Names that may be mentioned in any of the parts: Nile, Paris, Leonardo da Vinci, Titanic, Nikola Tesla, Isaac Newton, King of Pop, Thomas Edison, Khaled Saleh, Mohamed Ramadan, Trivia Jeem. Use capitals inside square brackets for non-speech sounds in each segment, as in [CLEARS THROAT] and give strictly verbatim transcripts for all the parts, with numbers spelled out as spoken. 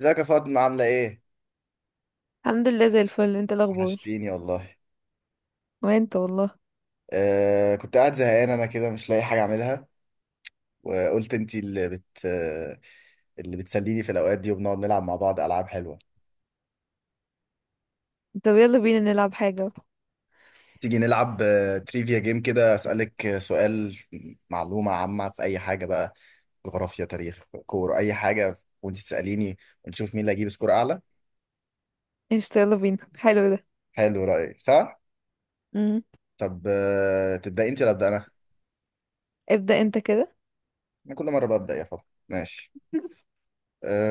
ازيك يا فاطمة، عاملة ايه؟ الحمد لله زي الفل، انت الاخبار؟ وحشتيني والله. وانت والله. آه كنت قاعد زهقان انا كده، مش لاقي حاجة اعملها. وقلت انتي اللي بت آه، اللي بتسليني في الاوقات دي، وبنقعد نلعب مع بعض العاب حلوة. طب يلا بينا نلعب حاجة. تيجي نلعب آه، تريفيا جيم، كده اسألك آه، سؤال معلومة عامة في اي حاجة بقى، جغرافيا، تاريخ، كورة، اي حاجة. وانتي تسأليني، ونشوف مين اللي هيجيب سكور اعلى. قشطة يلا بينا، حلو ده. حلو، رأيي صح؟ امم. طب آه، تبدأي انتي ولا ابدأ انا؟ ابدأ انت كده. انا كل مرة ببدأ يا فاطمة. ماشي.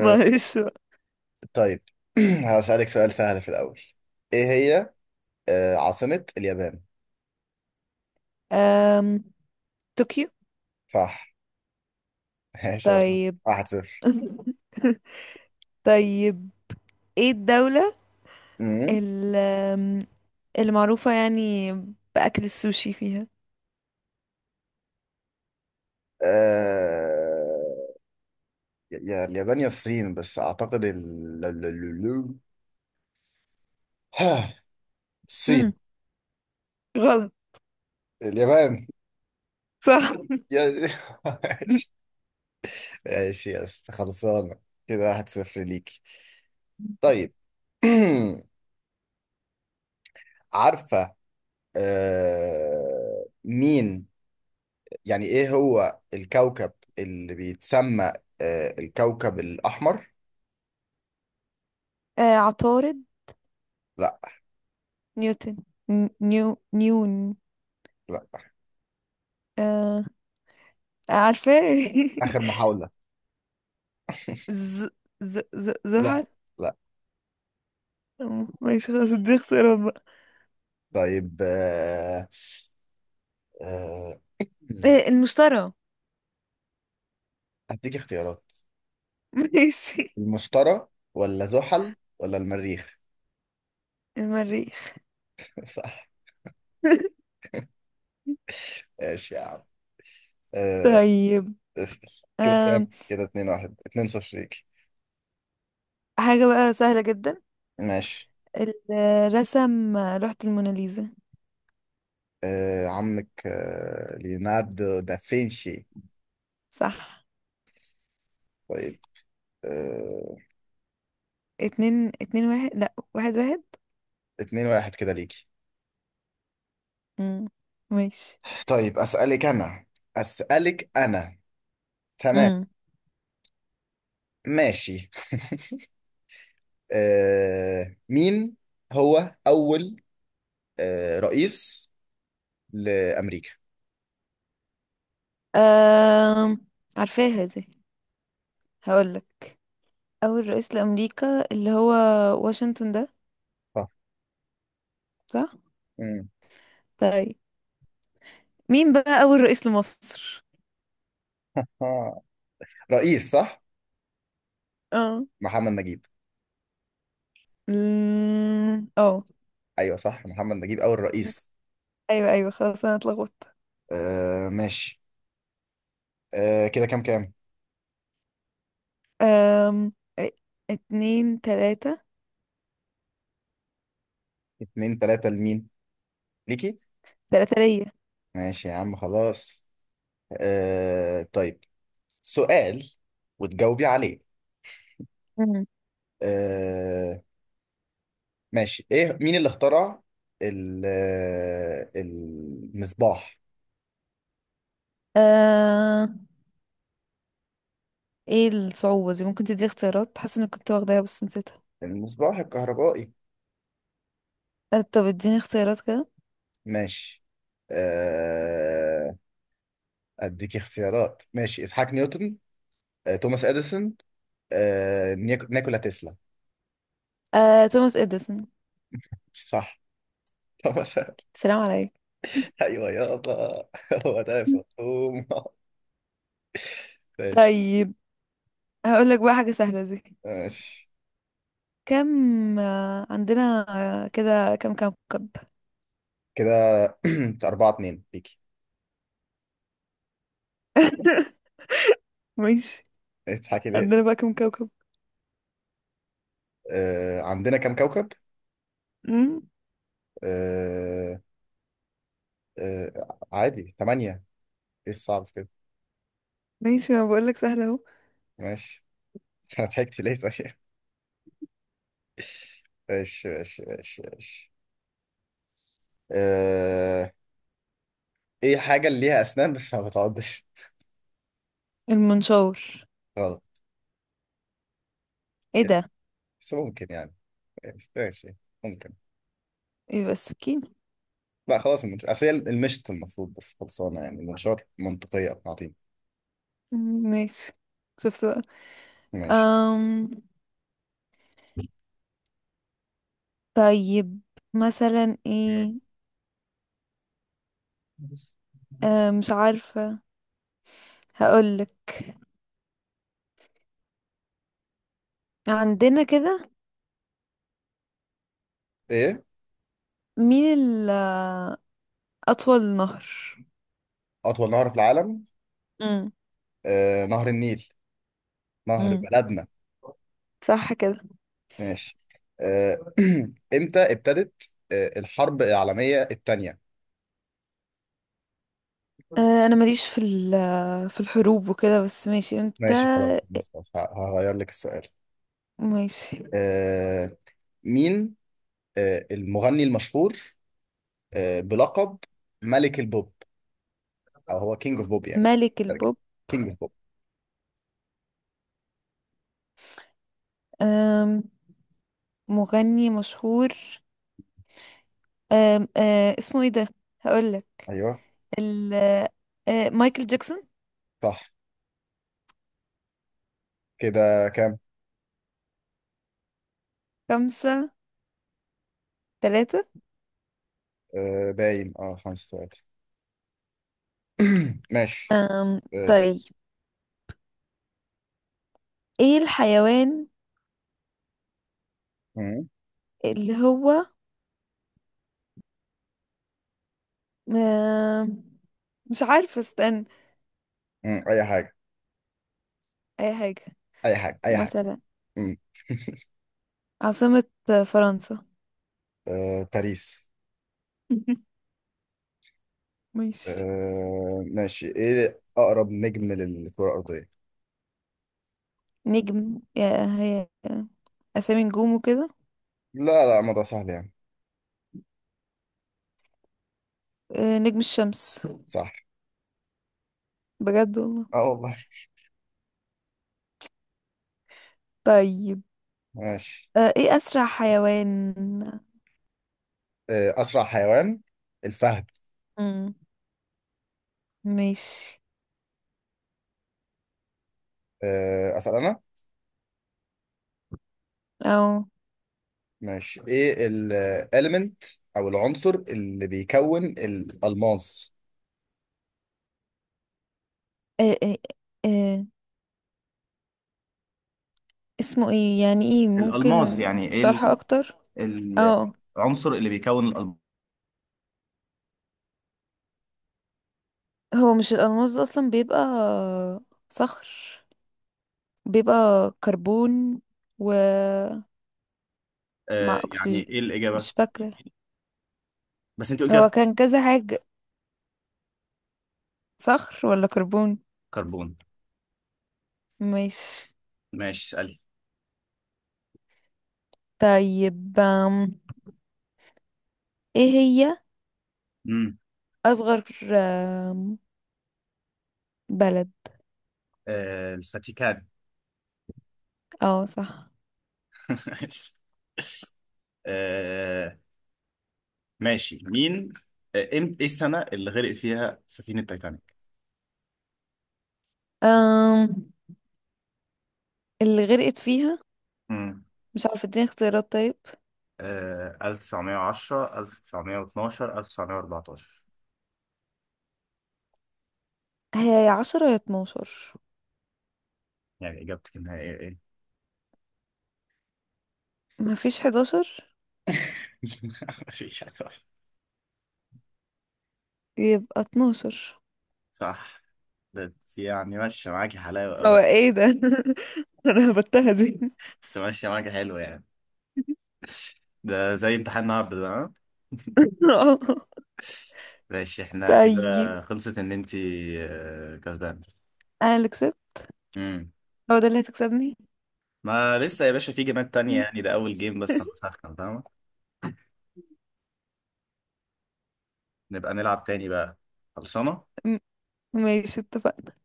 [LAUGHS] معلش بقى. طيب. [CLEARS THROAT] هسألك سؤال سهل في الأول. إيه هي آه، عاصمة اليابان؟ أم... طوكيو. صح. [LAUGHS] ماشي، يلا. طيب. واحد صفر. [LAUGHS] طيب. ايه الدولة أمم. ال- أم، اللي معروفة يعني بأكل السوشي فيها؟ آه، يا اليابان يا الصين، بس أعتقد ال... ال- ال- ال- ها، امم، الصين. غلط. اليابان. صح. يا [LAUGHS] ماشي. [LAUGHS] ماشي، يس، خلصانة. كده واحد صفر ليك. طيب. [CLEARS THROAT] عارفة آه، مين يعني ايه هو الكوكب اللي بيتسمى آه، الكوكب الأحمر؟ آه، عطارد. لا. نيوتن. ن- نيو نيون. لا. آه، عارفة. آخر محاولة. [LAUGHS] ز ز ز لا. زحل. لا. اه ماشي، خلاص دي اختيارات بقى. طيب. آه، آه، مم. إيه، المشتري؟ هديك اختيارات. [LAUGHS] ماشي. المشتري ولا زحل ولا المريخ؟ المريخ. [LAUGHS] صح. [LAUGHS] ماشي يا عم. آه، طيب. اسأل. كده كام؟ أم. كده اتنين واحد اتنين صفر ليك. حاجة بقى سهلة جدا، ماشي. الرسم لوحة الموناليزا. آه، عمك آه، ليوناردو دافنشي. صح. طيب. آه، اتنين اتنين واحد، لا واحد واحد. اتنين واحد كده ليك. مم. ماشي. طيب، أسألك أنا، أسألك أنا. تمام. امم. ماشي. [LAUGHS] آه، مين هو أول آه، رئيس لأمريكا؟ أم. عارفاها دي، هقولك. أول رئيس لأمريكا اللي هو واشنطن ده. صح. صح. مم. طيب، مين بقى أول رئيس لمصر؟ آه. رئيس، صح؟ اه. محمد نجيب. مم. اه. أيوه صح، محمد نجيب أول رئيس. ايوه، ايوه، خلاص انا اتلخبطت. آه، ماشي. آه، كده كام كام؟ أم... إيه، اتنين تلاتة. اتنين تلاتة لمين؟ ليكي؟ تلاتة ليا. ماشي يا عم خلاص. آه، طيب، سؤال وتجاوبي عليه. مم. آه، ماشي. ايه، مين اللي اخترع ال- المصباح، أه... ايه الصعوبة دي؟ ممكن تدي اختيارات، حاسة اني كنت واخداها بس نسيتها. المصباح الكهربائي؟ أه طب اديني اختيارات كده. ماشي. آه، اديك اختيارات. ماشي، اسحاق نيوتن، آه، توماس اديسون، آه، نيك- نيكولا تسلا. أه... توماس اديسون. صح. توماس. [LAUGHS] سلام عليك. [LAUGHS] ايوه يابا، هو ده يا فطوم. ماشي طيب. هقول لك بقى حاجة سهلة دي. ماشي. كم آه، عندنا، آه، كده كم كوكب؟ كده [CLEARS THROAT] أربعة اتنين ليكي. [LAUGHS] ماشي. تضحكي ليه؟ عندنا بقى كم كوكب؟ آه، عندنا كام كوكب؟ مم. آه، آه، عادي، ثمانية. ايه الصعب في كده؟ ماشي. ما بقول لك سهلة اهو. ماشي. [LAUGHS] انا ضحكت ليه طيب؟ [LAUGHS] ماشي ماشي ماشي ماشي. أه... ايه حاجة اللي ليها اسنان بس ما بتعضش؟ المنشور. غلط. ايه ده؟ بس ممكن يعني. ماشي ماشي. ممكن. ايه بس؟ لا خلاص، المنشار، اصل هي المشط المفروض، بس خلصانة يعني، المنشار منطقية عظيمة. ماشي. شفت بقى. ماشي. أم... طيب، مثلا ايه؟ أم... مش عارفة، هقولك. عندنا كده، ايه مين ال أطول نهر؟ اطول نهر في العالم؟ امم. آه، نهر النيل، نهر امم. بلدنا. صح كده. ماشي. آه، [CLEARS THROAT] امتى ابتدت آه، الحرب العالمية الثانية؟ أه أنا ماليش في ال في الحروب وكده، بس ماشي انت. ماشي خلاص، بص خلاص، ه- هغير لك السؤال. ماشي. آه مين آه المغني المشهور آه بلقب ملك البوب، او هو كينج اوف بوب يعني، ملك ترجمة البوب. كينج اوف بوب؟ أم... مغني مشهور. أم... أه اسمه ايه ده؟ هقولك ايوه ال أه مايكل جاكسون. صح. كده كام؟ خمسة تلاتة. آه باين، اه خمسة ثلاثة. [CLEARS THROAT] ماشي. أم آه س- طيب. ايه الحيوان مم، اللي هو أم، مش عارفة، استنى. مم، اي حاجة، اي حاجة. اي حاجة، اي حاجة. مثلا مم. [LAUGHS] عاصمة فرنسا. آه باريس. [LAUGHS] ماشي. آه ماشي. ايه اقرب نجم للكرة الأرضية؟ نجم؟ يا هي، اسامي نجوم وكده. لا لا، الموضوع سهل يعني. أه، نجم الشمس. صح. بجد والله. اه والله. طيب. ماشي. أه، ايه اسرع حيوان؟ آه، أسرع حيوان، الفهد. مم. ماشي. آه، أسأل أنا. او. ماشي. إيه الإليمنت أو العنصر اللي بيكون الألماس؟ أه، أه، أه، اسمه ايه يعني؟ ايه؟ الألماس ممكن يعني ايه شرح ال- اكتر. ال- اه، العنصر اللي بيكون الألماس؟ هو مش الألماس ده أصلا بيبقى صخر، بيبقى كربون، ومع آه يعني أكسجين. ايه الإجابة؟ مش فاكرة، بس انت قلت لي هو كان كذا حاجة، صخر ولا كربون. كربون. مش ماشي، اسألي. طيب، أم، ايه هي امم. أصغر أم، بلد؟ آه الفاتيكان. اه صح. [LAUGHS] آه ماشي. مين آه إم- ايه السنة اللي غرقت فيها سفينة تايتانيك؟ أم اللي غرقت فيها، مش عارفة اديني اختيارات طيب. آه ألف وتسعمية وعشرة، ألف وتسعمئة واثنا عشر، ألف وتسعمئة وأربعة عشر. هي يا عشرة يا اتناشر. يعني إجابتك النهائية إيه؟ مفيش حداشر. [LAUGHS] مفيش حاجة غلط. يبقى اتناشر. صح. ده انت يعني ماشية معاكي حلاوة هو أوي دي. ايه ده؟ [LAUGHS] انا هبتها دي. بس ماشية معاكي حلو يعني. ده زي امتحان النهاردة ده، ها؟ [LAUGHS] ماشي احنا كده. طيب. خلصت إن أنت آه، كسبانة. انا اللي كسبت، امم. هو ده اللي هتكسبني؟ ما لسه يا باشا، في جيمات تانية يعني، ده أول جيم بس أنا [LAUGHS] بسخن، فاهمة؟ نبقى نلعب تاني بقى. خلصانة؟ م- ماشي، اتفقنا.